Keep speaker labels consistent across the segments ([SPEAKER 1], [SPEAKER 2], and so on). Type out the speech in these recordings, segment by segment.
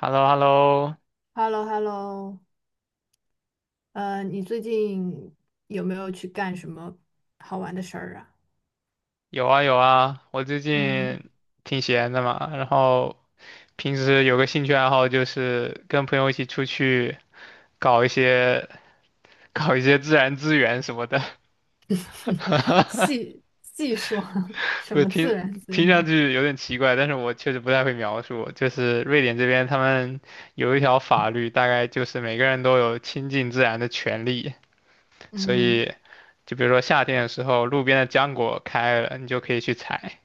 [SPEAKER 1] h e l l o h e l l o
[SPEAKER 2] h e l l o h e l l o 你最近有没有去干什么好玩的事儿啊？
[SPEAKER 1] 有啊有啊，我最
[SPEAKER 2] 嗯。
[SPEAKER 1] 近挺闲的嘛，然后平时有个兴趣爱好就是跟朋友一起出去搞一些搞一些自然资源什么的。
[SPEAKER 2] 细细说。 什
[SPEAKER 1] 我
[SPEAKER 2] 么自
[SPEAKER 1] 听
[SPEAKER 2] 然资
[SPEAKER 1] 听上
[SPEAKER 2] 源？
[SPEAKER 1] 去有点奇怪，但是我确实不太会描述。就是瑞典这边他们有一条法律，大概就是每个人都有亲近自然的权利，所
[SPEAKER 2] 嗯
[SPEAKER 1] 以就比如说夏天的时候，路边的浆果开了，你就可以去采。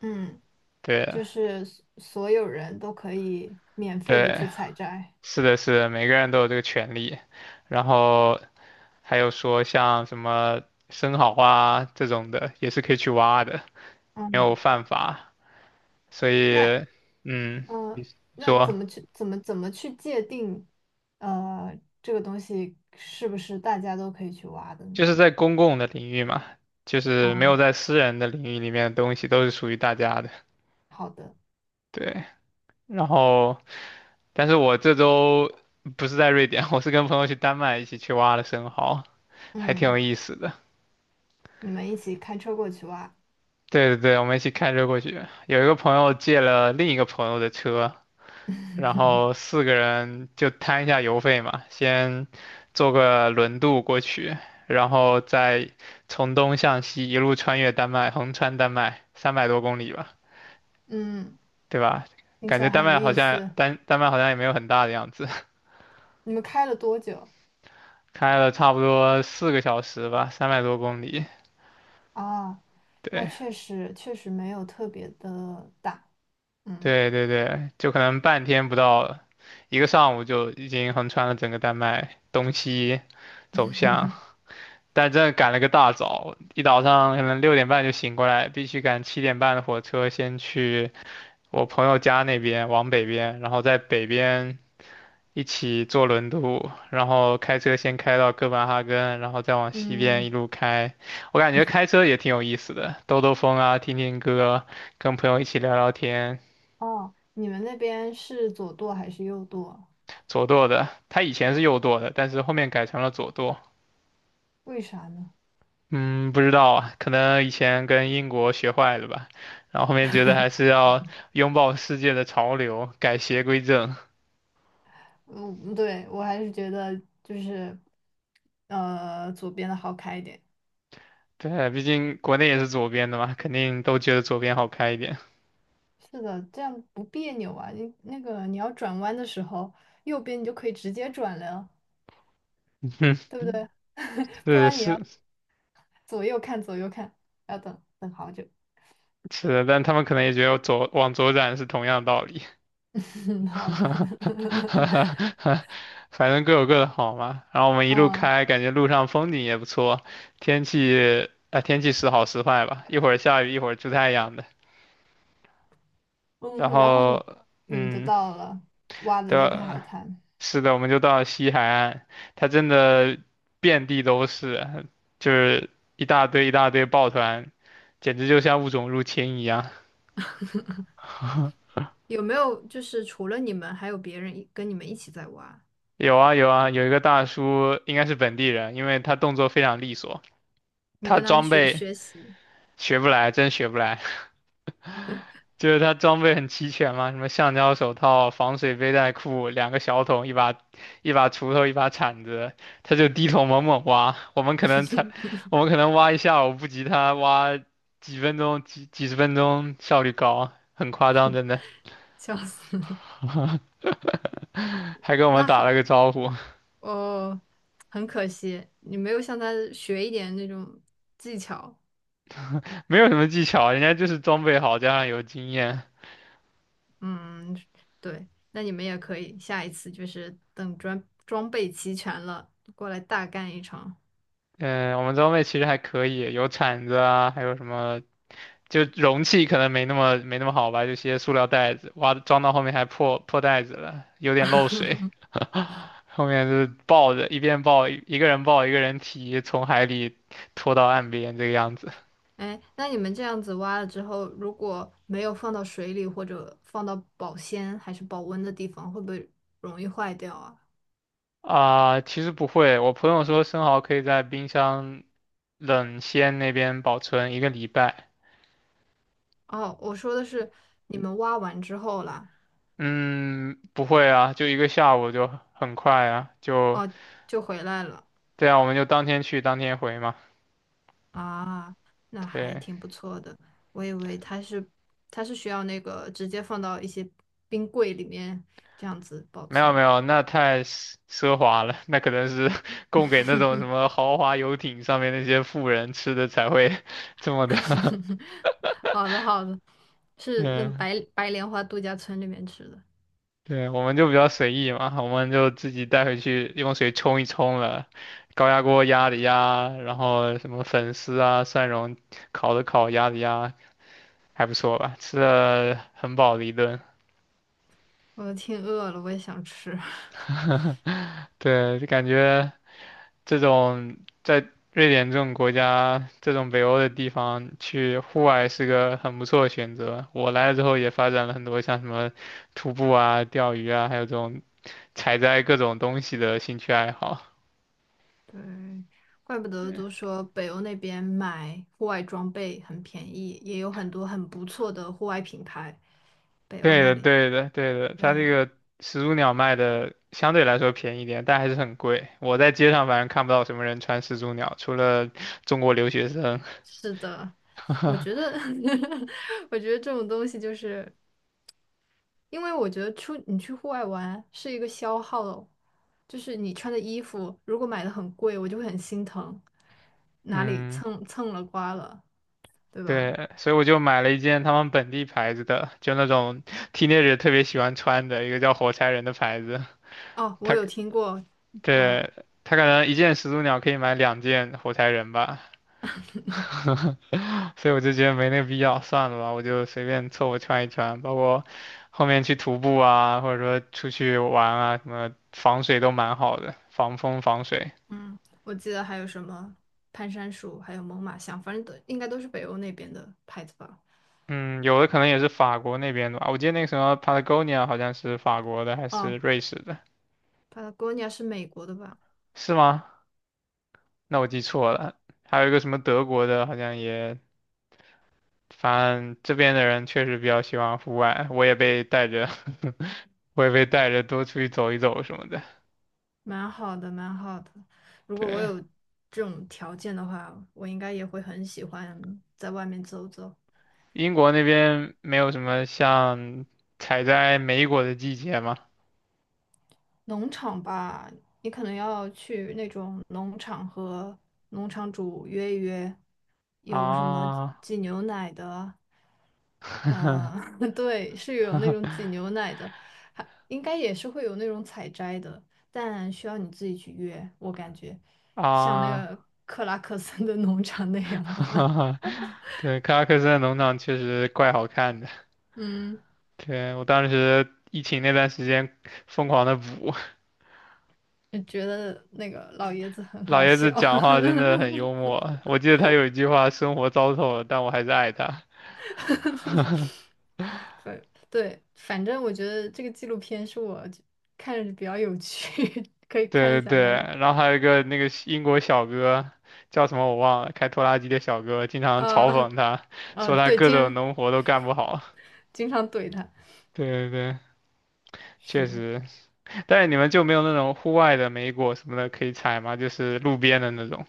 [SPEAKER 2] 嗯，
[SPEAKER 1] 对
[SPEAKER 2] 就是所有人都可以免费的
[SPEAKER 1] 对。
[SPEAKER 2] 去采摘。
[SPEAKER 1] 是的，是的，每个人都有这个权利。然后还有说像什么生蚝啊这种的，也是可以去挖的，没有
[SPEAKER 2] 嗯，
[SPEAKER 1] 犯法。所
[SPEAKER 2] 那
[SPEAKER 1] 以，嗯，
[SPEAKER 2] 嗯
[SPEAKER 1] 你
[SPEAKER 2] 呃，那怎
[SPEAKER 1] 说
[SPEAKER 2] 么去怎么怎么去界定这个东西是不是大家都可以去挖的呢？
[SPEAKER 1] 就是在公共的领域嘛，就是没有
[SPEAKER 2] 啊，
[SPEAKER 1] 在私人的领域里面的东西都是属于大家的。
[SPEAKER 2] 好的。
[SPEAKER 1] 对，然后但是我这周不是在瑞典，我是跟朋友去丹麦一起去挖的生蚝，还挺有
[SPEAKER 2] 嗯，
[SPEAKER 1] 意思的。
[SPEAKER 2] 你们一起开车过去挖。
[SPEAKER 1] 对对对，我们一起开车过去。有一个朋友借了另一个朋友的车，然后四个人就摊一下油费嘛，先坐个轮渡过去，然后再从东向西一路穿越丹麦，横穿丹麦，三百多公里吧，
[SPEAKER 2] 嗯。
[SPEAKER 1] 对吧？
[SPEAKER 2] 听
[SPEAKER 1] 感
[SPEAKER 2] 起
[SPEAKER 1] 觉
[SPEAKER 2] 来
[SPEAKER 1] 丹
[SPEAKER 2] 很有
[SPEAKER 1] 麦好
[SPEAKER 2] 意
[SPEAKER 1] 像
[SPEAKER 2] 思。
[SPEAKER 1] 丹丹麦好像也没有很大的样子，
[SPEAKER 2] 你们开了多久
[SPEAKER 1] 开了差不多4个小时吧，三百多公里。
[SPEAKER 2] 啊？那
[SPEAKER 1] 对
[SPEAKER 2] 确实没有特别的大。嗯
[SPEAKER 1] 对对对，就可能半天不到，一个上午就已经横穿了整个丹麦东西走向，但真的赶了个大早，一早上可能6点半就醒过来，必须赶7点半的火车先去我朋友家那边往北边，然后在北边一起坐轮渡，然后开车先开到哥本哈根，然后再往西边
[SPEAKER 2] 嗯。
[SPEAKER 1] 一路开。我感觉开车也挺有意思的，兜兜风啊，听听歌，跟朋友一起聊聊天。
[SPEAKER 2] 哦，你们那边是左舵还是右舵？
[SPEAKER 1] 左舵的，他以前是右舵的，但是后面改成了左舵。
[SPEAKER 2] 为啥呢？
[SPEAKER 1] 嗯，不知道啊，可能以前跟英国学坏了吧，然后后面觉得还是要拥抱世界的潮流，改邪归正。
[SPEAKER 2] 嗯，对，我还是觉得就是左边的好开一点。
[SPEAKER 1] 对，毕竟国内也是左边的嘛，肯定都觉得左边好开一点。
[SPEAKER 2] 是的，这样不别扭啊。你那个你要转弯的时候，右边你就可以直接转了，
[SPEAKER 1] 嗯，
[SPEAKER 2] 对不对？不
[SPEAKER 1] 是
[SPEAKER 2] 然你
[SPEAKER 1] 是
[SPEAKER 2] 要左右看左右看，要等等好久。
[SPEAKER 1] 是的，但他们可能也觉得左往左转是同样道理。
[SPEAKER 2] 嗯，好的。
[SPEAKER 1] 反正各有各的好嘛。然后我们一路
[SPEAKER 2] 嗯
[SPEAKER 1] 开，感觉路上风景也不错，天气啊、天气时好时坏吧，一会儿下雨，一会儿出太阳的。然
[SPEAKER 2] 嗯，然后
[SPEAKER 1] 后。
[SPEAKER 2] 你你们就
[SPEAKER 1] 嗯，
[SPEAKER 2] 到了挖的
[SPEAKER 1] 对，
[SPEAKER 2] 那片海滩。
[SPEAKER 1] 是的，我们就到了西海岸，它真的遍地都是，就是一大堆一大堆抱团，简直就像物种入侵一样。
[SPEAKER 2] 有没有就是除了你们，还有别人一跟你们一起在挖？
[SPEAKER 1] 有啊有啊，有一个大叔应该是本地人，因为他动作非常利索，
[SPEAKER 2] 你
[SPEAKER 1] 他
[SPEAKER 2] 跟他们
[SPEAKER 1] 装
[SPEAKER 2] 学
[SPEAKER 1] 备
[SPEAKER 2] 学习。
[SPEAKER 1] 学不来，真学不来。就是他装备很齐全嘛，什么橡胶手套、防水背带裤、两个小桶、一把锄头、一把铲子，他就低头猛猛挖。我们可能挖一下午不及他挖几分钟、几几十分钟，效率高，很夸张，真的。
[SPEAKER 2] 笑死。
[SPEAKER 1] 还跟我们
[SPEAKER 2] 那
[SPEAKER 1] 打了
[SPEAKER 2] 好，
[SPEAKER 1] 个招呼，
[SPEAKER 2] 哦，很可惜，你没有向他学一点那种技巧。
[SPEAKER 1] 没有什么技巧，人家就是装备好加上有经验。
[SPEAKER 2] 嗯，对，那你们也可以，下一次就是等装备齐全了，过来大干一场。
[SPEAKER 1] 嗯，我们装备其实还可以，有铲子啊，还有什么就容器可能没那么好吧，就些塑料袋子，哇，装到后面还破袋子了，有点漏水，后面就是抱着一边抱一个人抱一个人提，从海里拖到岸边这个样子。
[SPEAKER 2] 哎，那你们这样子挖了之后，如果没有放到水里或者放到保鲜还是保温的地方，会不会容易坏掉啊？
[SPEAKER 1] 啊、其实不会，我朋友说生蚝可以在冰箱冷鲜那边保存一个礼拜。
[SPEAKER 2] 哦，我说的是你们挖完之后啦。
[SPEAKER 1] 嗯，不会啊，就一个下午就很快啊，
[SPEAKER 2] 哦，就回来了
[SPEAKER 1] 对啊，我们就当天去当天回嘛。
[SPEAKER 2] 啊，那还
[SPEAKER 1] 对，
[SPEAKER 2] 挺不错的。我以为它是它是需要那个直接放到一些冰柜里面这样子保
[SPEAKER 1] 没有没
[SPEAKER 2] 存。
[SPEAKER 1] 有，那太奢华了，那可能是 供给那种什 么豪华游艇上面那些富人吃的才会 这么的。
[SPEAKER 2] 好的好的，是那
[SPEAKER 1] 嗯，
[SPEAKER 2] 白莲花度假村里面吃的。
[SPEAKER 1] 对，我们就比较随意嘛，我们就自己带回去用水冲一冲了，高压锅压的压，然后什么粉丝啊、蒜蓉烤的烤、压的压，还不错吧，吃的很饱的一顿。
[SPEAKER 2] 我挺饿了，我也想吃。
[SPEAKER 1] 对，就感觉这种在瑞典这种国家，这种北欧的地方去户外是个很不错的选择。我来了之后也发展了很多像什么徒步啊、钓鱼啊，还有这种采摘各种东西的兴趣爱好。
[SPEAKER 2] 对，怪不得都说北欧那边买户外装备很便宜，也有很多很不错的户外品牌。北欧
[SPEAKER 1] 对
[SPEAKER 2] 那
[SPEAKER 1] 的，
[SPEAKER 2] 里，
[SPEAKER 1] 对的，对的，它这
[SPEAKER 2] 对，
[SPEAKER 1] 个始祖鸟卖的相对来说便宜一点，但还是很贵。我在街上反正看不到什么人穿始祖鸟，除了中国留学生。
[SPEAKER 2] 是的。我觉得，我觉得这种东西就是，因为我觉得出你去户外玩是一个消耗，就是你穿的衣服如果买的很贵，我就会很心疼，哪里
[SPEAKER 1] 嗯。
[SPEAKER 2] 蹭蹭了刮了，对吧？
[SPEAKER 1] 对，所以我就买了一件他们本地牌子的，就那种 teenager 特别喜欢穿的一个叫火柴人的牌子。
[SPEAKER 2] 哦，我
[SPEAKER 1] 他，
[SPEAKER 2] 有听过。嗯，
[SPEAKER 1] 对，他可能一件始祖鸟可以买两件火柴人吧，所以我就觉得没那个必要，算了吧，我就随便凑合穿一穿，包括后面去徒步啊，或者说出去玩啊，什么防水都蛮好的，防风防水。
[SPEAKER 2] 嗯，我记得还有什么攀山鼠，还有猛犸象，反正都应该都是北欧那边的牌子吧。
[SPEAKER 1] 嗯，有的可能也是法国那边的吧，我记得那个什么 Patagonia 好像是法国的还是
[SPEAKER 2] 哦
[SPEAKER 1] 瑞士的，
[SPEAKER 2] ，Patagonia 是美国的吧？
[SPEAKER 1] 是吗？那我记错了，还有一个什么德国的，好像也，反正这边的人确实比较喜欢户外，我也被带着，我也被带着多出去走一走什么的。
[SPEAKER 2] 蛮好的，蛮好的。如果我
[SPEAKER 1] 对，
[SPEAKER 2] 有这种条件的话，我应该也会很喜欢在外面走走。
[SPEAKER 1] 英国那边没有什么像采摘莓果的季节吗？
[SPEAKER 2] 农场吧，你可能要去那种农场和农场主约一约，有什么
[SPEAKER 1] 啊
[SPEAKER 2] 挤牛奶的，呃，对，是有那种挤牛奶的，还应该也是会有那种采摘的，但需要你自己去约，我感觉像那
[SPEAKER 1] 啊，
[SPEAKER 2] 个克拉克森的农场那样吧。
[SPEAKER 1] 对，克拉克森的农场确实怪好看的。
[SPEAKER 2] 嗯，
[SPEAKER 1] 对，我当时疫情那段时间疯狂的补，
[SPEAKER 2] 觉得那个老爷子很
[SPEAKER 1] 老
[SPEAKER 2] 好
[SPEAKER 1] 爷子
[SPEAKER 2] 笑。
[SPEAKER 1] 讲话真的很幽 默，我记得他有一句话："生活糟透了，但我还是爱他。"
[SPEAKER 2] 对。 对，反正我觉得这个纪录片是我就看着比较有趣。可以
[SPEAKER 1] 对
[SPEAKER 2] 看
[SPEAKER 1] 对
[SPEAKER 2] 下
[SPEAKER 1] 对，
[SPEAKER 2] 来。
[SPEAKER 1] 然后还有一个那个英国小哥叫什么我忘了，开拖拉机的小哥经常嘲
[SPEAKER 2] 啊
[SPEAKER 1] 讽他，
[SPEAKER 2] 啊，
[SPEAKER 1] 说他
[SPEAKER 2] 对，
[SPEAKER 1] 各
[SPEAKER 2] 经
[SPEAKER 1] 种
[SPEAKER 2] 常
[SPEAKER 1] 农活都干不好。
[SPEAKER 2] 经常怼他，
[SPEAKER 1] 对对对，确
[SPEAKER 2] 是，
[SPEAKER 1] 实。但是你们就没有那种户外的莓果什么的可以采吗？就是路边的那种，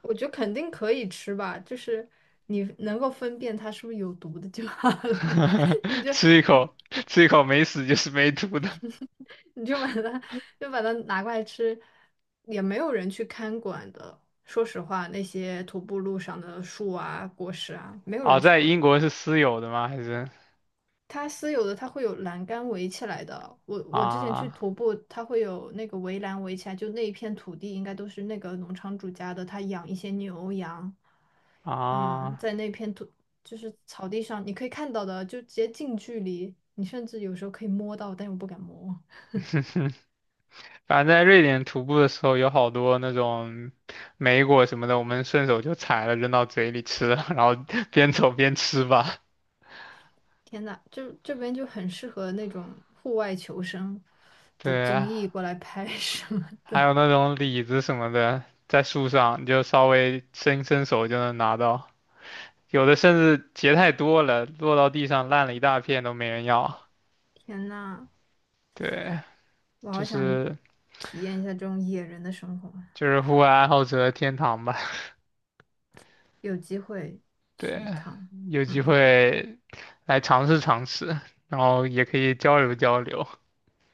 [SPEAKER 2] 我觉得肯定可以吃吧，就是你能够分辨它是不是有毒的就好了。你 就
[SPEAKER 1] 吃一口吃一口没死就是没吐的。
[SPEAKER 2] 你就把它把它拿过来吃，也没有人去看管的。说实话，那些徒步路上的树啊、果实啊，没有
[SPEAKER 1] 哦，
[SPEAKER 2] 人去
[SPEAKER 1] 在
[SPEAKER 2] 管。
[SPEAKER 1] 英国是私有的吗？还是
[SPEAKER 2] 它私有的它会有栏杆围起来的。我之前去
[SPEAKER 1] 啊
[SPEAKER 2] 徒步，它会有那个围栏围起来，就那一片土地应该都是那个农场主家的，他养一些牛羊，嗯，
[SPEAKER 1] 啊？
[SPEAKER 2] 在那片土就是草地上，你可以看到的，就直接近距离，你甚至有时候可以摸到，但又不敢摸。
[SPEAKER 1] 反正在瑞典徒步的时候，有好多那种莓果什么的，我们顺手就采了扔到嘴里吃，然后 边走边吃吧。
[SPEAKER 2] 天呐，就这边就很适合那种户外求生的
[SPEAKER 1] 对
[SPEAKER 2] 综
[SPEAKER 1] 啊，
[SPEAKER 2] 艺过来拍。 什么
[SPEAKER 1] 还
[SPEAKER 2] 的。
[SPEAKER 1] 有那种李子什么的，在树上你就稍微伸伸手就能拿到，有的甚至结太多了，落到地上烂了一大片都没人要。
[SPEAKER 2] 天呐，
[SPEAKER 1] 对，
[SPEAKER 2] 我
[SPEAKER 1] 就
[SPEAKER 2] 好想
[SPEAKER 1] 是
[SPEAKER 2] 体验一下这种野人的生活。
[SPEAKER 1] 就是户外爱好者的天堂吧。
[SPEAKER 2] 有机会去
[SPEAKER 1] 对，
[SPEAKER 2] 一趟。
[SPEAKER 1] 有机
[SPEAKER 2] 嗯，
[SPEAKER 1] 会来尝试尝试，然后也可以交流交流。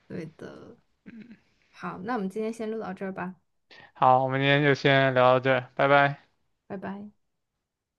[SPEAKER 2] 对的。好，那我们今天先录到这儿吧。
[SPEAKER 1] 好，我们今天就先聊到这儿，拜拜。
[SPEAKER 2] 拜拜。